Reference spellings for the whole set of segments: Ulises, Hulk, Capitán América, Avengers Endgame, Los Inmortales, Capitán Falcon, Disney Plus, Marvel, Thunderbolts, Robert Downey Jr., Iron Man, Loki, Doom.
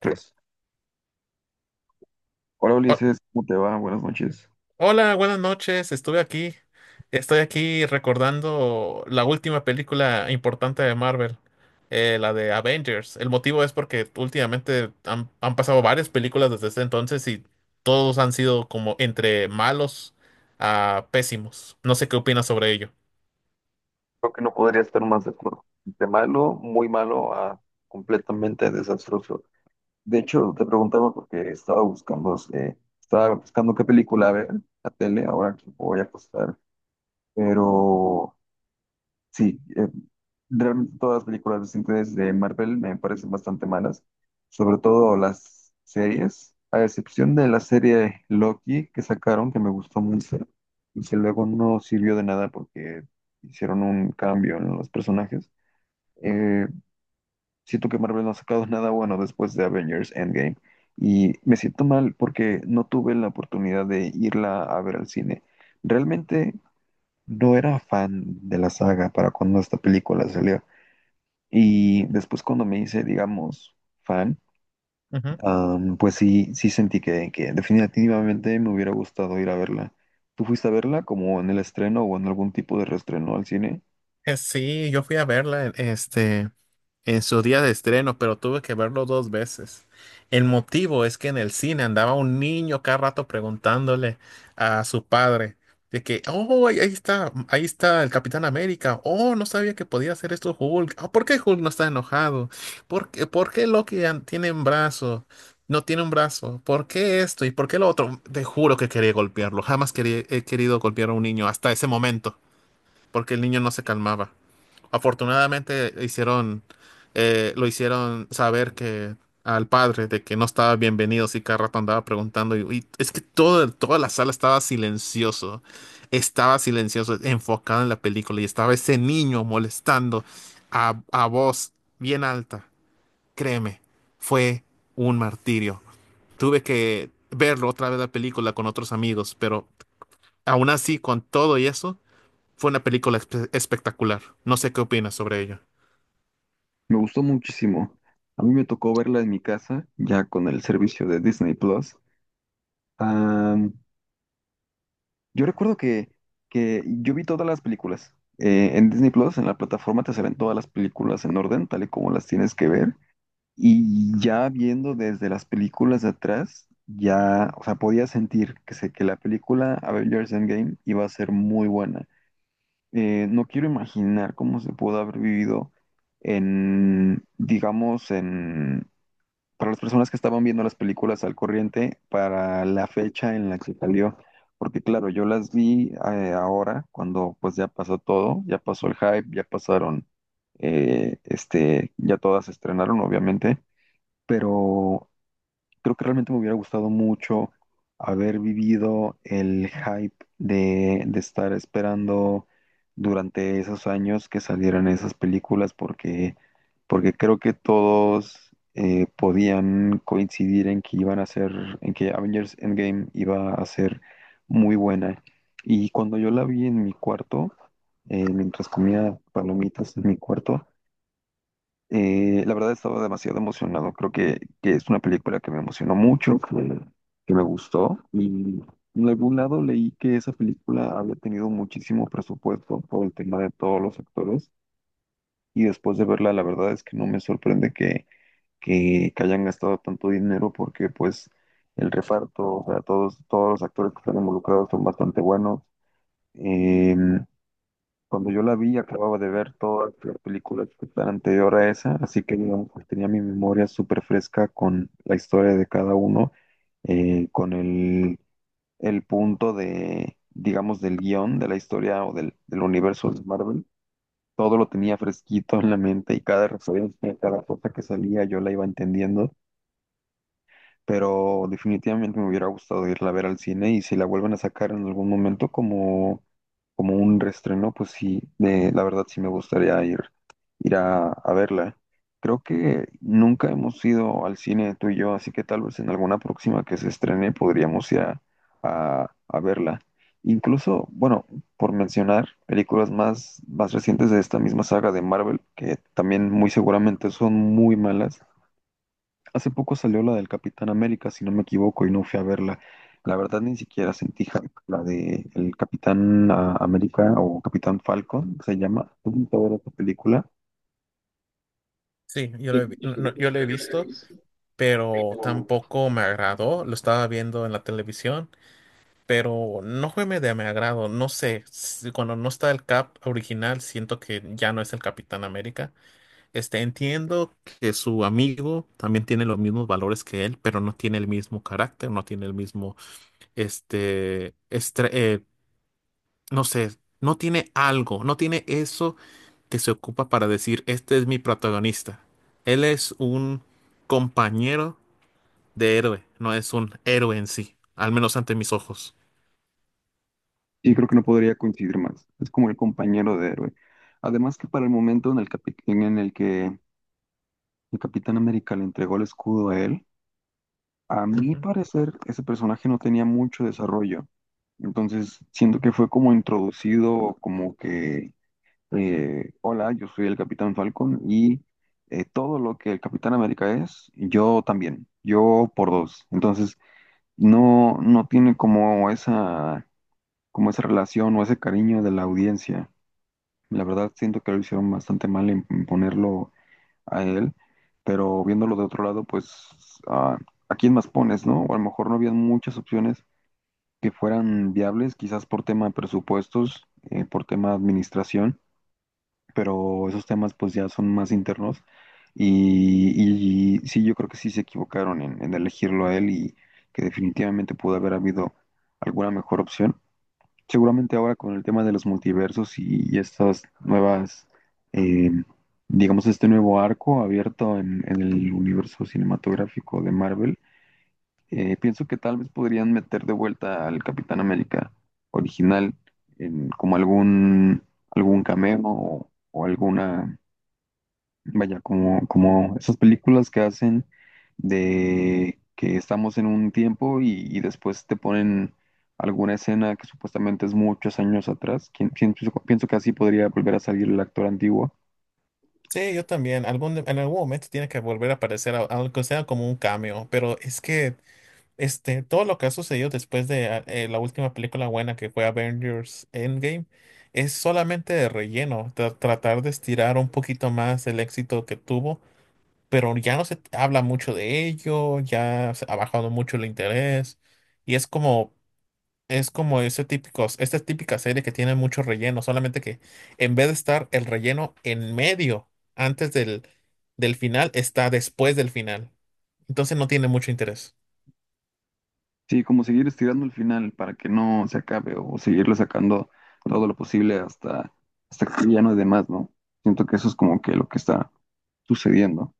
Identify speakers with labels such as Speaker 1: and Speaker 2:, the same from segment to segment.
Speaker 1: Tres. Hola
Speaker 2: Ho-
Speaker 1: Ulises, ¿cómo te va? Buenas noches.
Speaker 2: Hola, buenas noches. Estuve aquí. Estoy aquí recordando la última película importante de Marvel, la de Avengers. El motivo es porque últimamente han pasado varias películas desde ese entonces y todos han sido como entre malos a pésimos. No sé qué opinas sobre ello.
Speaker 1: Creo que no podría estar más de acuerdo. De malo, muy malo a completamente desastroso. De hecho, te preguntaba porque estaba buscando qué película ver, la tele, ahora que voy a acostar, pero sí, realmente todas las películas recientes de Marvel me parecen bastante malas, sobre todo las series, a excepción de la serie Loki que sacaron, que me gustó mucho, y que luego no sirvió de nada porque hicieron un cambio en los personajes. Eh, Siento que Marvel no ha sacado nada bueno después de Avengers Endgame, y me siento mal porque no tuve la oportunidad de irla a ver al cine. Realmente no era fan de la saga para cuando esta película salió. Y después cuando me hice, digamos, fan, pues sí, sí sentí que definitivamente me hubiera gustado ir a verla. ¿Tú fuiste a verla como en el estreno o en algún tipo de reestreno al cine?
Speaker 2: Sí, yo fui a verla en su día de estreno, pero tuve que verlo dos veces. El motivo es que en el cine andaba un niño cada rato preguntándole a su padre de que, oh, ahí está, ahí está el Capitán América. Oh, no sabía que podía hacer esto Hulk. Ah, ¿por qué Hulk no está enojado? ¿Por qué Loki tiene un brazo? No tiene un brazo. ¿Por qué esto? ¿Y por qué lo otro? Te juro que quería golpearlo. Jamás quería- He querido golpear a un niño hasta ese momento, porque el niño no se calmaba. Afortunadamente hicieron, lo hicieron saber que al padre de que no estaba bienvenido, si cada rato andaba preguntando. Y es que toda la sala estaba silencioso, enfocado en la película y estaba ese niño molestando a voz bien alta. Créeme, fue un martirio. Tuve que verlo otra vez la película con otros amigos, pero aún así, con todo y eso, fue una película espectacular. No sé qué opinas sobre ello.
Speaker 1: Me gustó muchísimo. A mí me tocó verla en mi casa, ya con el servicio de Disney Plus. Am, yo recuerdo que yo vi todas las películas. En Disney Plus, en la plataforma, te salen todas las películas en orden, tal y como las tienes que ver. Y ya viendo desde las películas de atrás, ya, o sea, podía sentir que, se que la película Avengers Endgame iba a ser muy buena. No quiero imaginar cómo se pudo haber vivido en, digamos, en, para las personas que estaban viendo las películas al corriente, para la fecha en la que salió. Porque claro, yo las vi ahora, cuando pues ya pasó todo, ya pasó el hype, ya pasaron, ya todas se estrenaron, obviamente, pero creo que realmente me hubiera gustado mucho haber vivido el hype de estar esperando durante esos años que salieran esas películas, porque, porque creo que todos podían coincidir en que iban a ser, en que Avengers Endgame iba a ser muy buena. Y cuando yo la vi en mi cuarto, mientras comía palomitas en mi cuarto, la verdad estaba demasiado emocionado. Creo que es una película que me emocionó mucho, que me gustó. Y en algún lado leí que esa película había tenido muchísimo presupuesto por el tema de todos los actores. Y después de verla, la verdad es que no me sorprende que hayan gastado tanto dinero porque pues el reparto, o sea, todos, todos los actores que están involucrados son bastante buenos. Em, Cuando yo la vi, acababa de ver todas las películas que están anterior a esa, así que digamos que tenía mi memoria súper fresca con la historia de cada uno, con el punto de, digamos, del guión, de la historia o del, del universo de Marvel. Todo lo tenía fresquito en la mente y cada referencia, cada cosa que salía, yo la iba entendiendo, pero definitivamente me hubiera gustado irla a ver al cine, y si la vuelven a sacar en algún momento como, como un reestreno, pues sí, de, la verdad sí me gustaría ir, ir a verla. Creo que nunca hemos ido al cine tú y yo, así que tal vez en alguna próxima que se estrene podríamos ir a, a verla. Incluso, bueno, por mencionar películas más, más recientes de esta misma saga de Marvel, que también muy seguramente son muy malas. Hace poco salió la del Capitán América, si no me equivoco, y no fui a verla. La verdad ni siquiera sentí hype. La de el Capitán América o Capitán Falcon, que se llama. Tuve que ver esta película
Speaker 2: Sí, yo lo he visto, pero tampoco me agradó. Lo estaba viendo en la televisión, pero no fue de mi agrado. No sé, cuando no está el Cap original, siento que ya no es el Capitán América. Este, entiendo que su amigo también tiene los mismos valores que él, pero no tiene el mismo carácter, no tiene el mismo, este, estre- eh, no sé, no tiene algo, no tiene eso que se ocupa para decir, este es mi protagonista. Él es un compañero de héroe, no es un héroe en sí, al menos ante mis ojos.
Speaker 1: y creo que no podría coincidir más. Es como el compañero de héroe. Además que para el momento en el, en el que el Capitán América le entregó el escudo a él, a mi
Speaker 2: Ujú.
Speaker 1: parecer ese personaje no tenía mucho desarrollo. Entonces siento que fue como introducido, como que hola, yo soy el Capitán Falcon y todo lo que el Capitán América es, yo también, yo por dos. Entonces, no, no tiene como esa relación o ese cariño de la audiencia. La verdad, siento que lo hicieron bastante mal en ponerlo a él, pero viéndolo de otro lado, pues, ah, ¿a quién más pones, no? O a lo mejor no había muchas opciones que fueran viables, quizás por tema de presupuestos, por tema de administración, pero esos temas pues ya son más internos, y sí, yo creo que sí se equivocaron en elegirlo a él, y que definitivamente pudo haber habido alguna mejor opción. Seguramente ahora con el tema de los multiversos y estas nuevas, eh, digamos, este nuevo arco abierto en el universo cinematográfico de Marvel, pienso que tal vez podrían meter de vuelta al Capitán América original en, como algún, algún cameo o alguna. Vaya, como, como esas películas que hacen de que estamos en un tiempo y después te ponen alguna escena que supuestamente es muchos años atrás. Pienso, pienso que así podría volver a salir el actor antiguo.
Speaker 2: Sí, yo también. En algún momento tiene que volver a aparecer, aunque sea como un cameo. Pero es que este, todo lo que ha sucedido después de la última película buena que fue Avengers Endgame es solamente de relleno. Tratar de estirar un poquito más el éxito que tuvo. Pero ya no se habla mucho de ello, ya se ha bajado mucho el interés y es como ese típicos, esta típica serie que tiene mucho relleno, solamente que en vez de estar el relleno en medio, antes del final, está después del final. Entonces no tiene mucho interés.
Speaker 1: Sí, como seguir estirando el final para que no se acabe o seguirle sacando todo lo posible hasta, hasta que ya no es de más, ¿no? Siento que eso es como que lo que está sucediendo.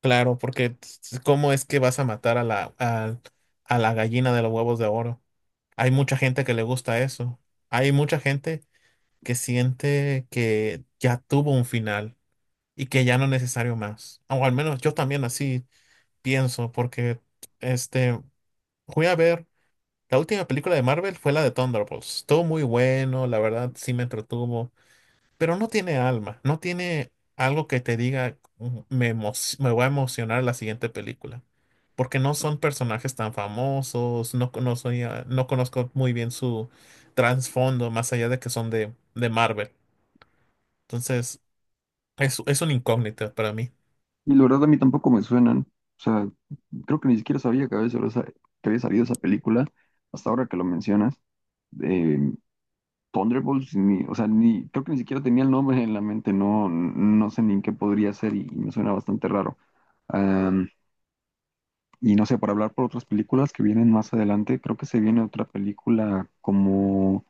Speaker 2: Claro, porque ¿cómo es que vas a matar a a la gallina de los huevos de oro? Hay mucha gente que le gusta eso. Hay mucha gente que siente que ya tuvo un final y que ya no es necesario más. O al menos yo también así pienso, porque este, fui a ver, la última película de Marvel fue la de Thunderbolts. Estuvo muy bueno, la verdad sí me entretuvo, pero no tiene alma, no tiene algo que te diga, "Mm, me voy a emocionar la siguiente película. Porque no son personajes tan famosos, no, conozco no conozco muy bien su trasfondo, más allá de que son de Marvel. Entonces, es una incógnita para mí.
Speaker 1: Y la verdad a mí tampoco me suenan. O sea, creo que ni siquiera sabía que había, que había salido esa película hasta ahora que lo mencionas. Eh, Thunderbolts, ni, o sea, ni, creo que ni siquiera tenía el nombre en la mente. No, no sé ni en qué podría ser y me suena bastante raro. Am, y no sé, para hablar por otras películas que vienen más adelante, creo que se viene otra película como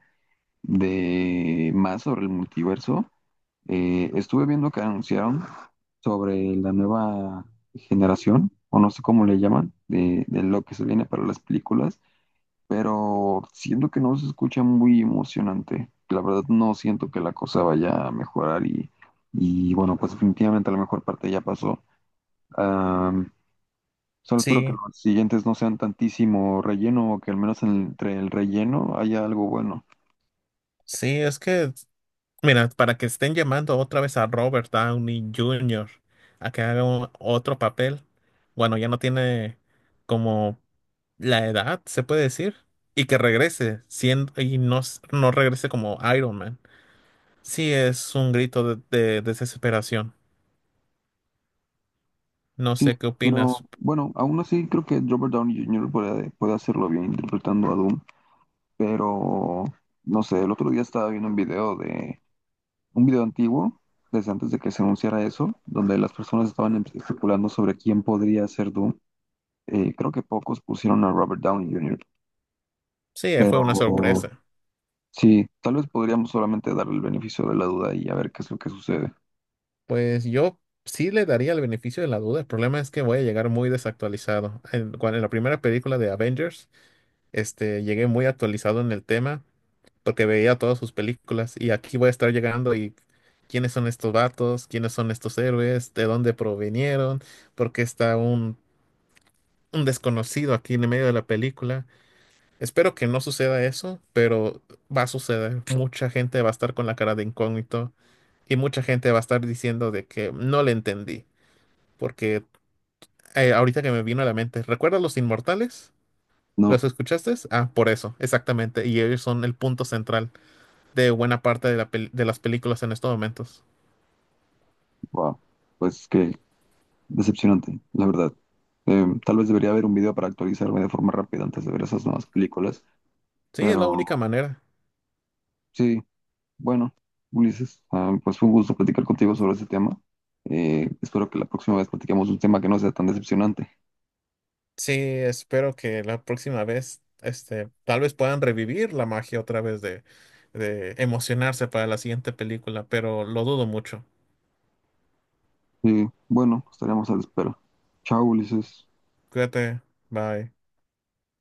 Speaker 1: de más sobre el multiverso. Estuve viendo que anunciaron sobre la nueva generación, o no sé cómo le llaman, de lo que se viene para las películas, pero siento que no se escucha muy emocionante. La verdad no siento que la cosa vaya a mejorar y bueno, pues definitivamente la mejor parte ya pasó. Am, solo espero que
Speaker 2: Sí.
Speaker 1: los siguientes no sean tantísimo relleno o que al menos entre el relleno haya algo bueno.
Speaker 2: Sí, es que, mira, para que estén llamando otra vez a Robert Downey Jr. a que haga otro papel, bueno, ya no tiene como la edad, se puede decir, y que regrese siendo, y no, no regrese como Iron Man. Sí, es un grito de desesperación. No
Speaker 1: Sí,
Speaker 2: sé qué
Speaker 1: pero
Speaker 2: opinas.
Speaker 1: bueno, aún así creo que Robert Downey Jr. Puede hacerlo bien interpretando a Doom, pero no sé, el otro día estaba viendo un video de un video antiguo, desde antes de que se anunciara eso, donde las personas estaban especulando sobre quién podría ser Doom. Creo que pocos pusieron a Robert Downey Jr.,
Speaker 2: Sí, fue una
Speaker 1: pero
Speaker 2: sorpresa.
Speaker 1: sí, tal vez podríamos solamente darle el beneficio de la duda y a ver qué es lo que sucede.
Speaker 2: Pues yo sí le daría el beneficio de la duda. El problema es que voy a llegar muy desactualizado. En, en la primera película de Avengers. Este, llegué muy actualizado en el tema porque veía todas sus películas y aquí voy a estar llegando y quiénes son estos vatos, quiénes son estos héroes, de dónde provinieron, porque está un desconocido aquí en el medio de la película. Espero que no suceda eso, pero va a suceder. Mucha gente va a estar con la cara de incógnito y mucha gente va a estar diciendo de que no le entendí, porque ahorita que me vino a la mente, ¿recuerdas Los Inmortales? ¿Los
Speaker 1: No,
Speaker 2: escuchaste? Ah, por eso, exactamente. Y ellos son el punto central de buena parte de las películas en estos momentos.
Speaker 1: wow, pues que decepcionante, la verdad. Tal vez debería haber un video para actualizarme de forma rápida antes de ver esas nuevas películas,
Speaker 2: Sí, es la
Speaker 1: pero
Speaker 2: única manera.
Speaker 1: sí, bueno, Ulises, ah, pues fue un gusto platicar contigo sobre este tema. Espero que la próxima vez platiquemos un tema que no sea tan decepcionante.
Speaker 2: Sí, espero que la próxima vez, este, tal vez puedan revivir la magia otra vez de emocionarse para la siguiente película, pero lo dudo mucho.
Speaker 1: Y bueno, estaremos a la espera. Chao, Ulises.
Speaker 2: Cuídate, bye.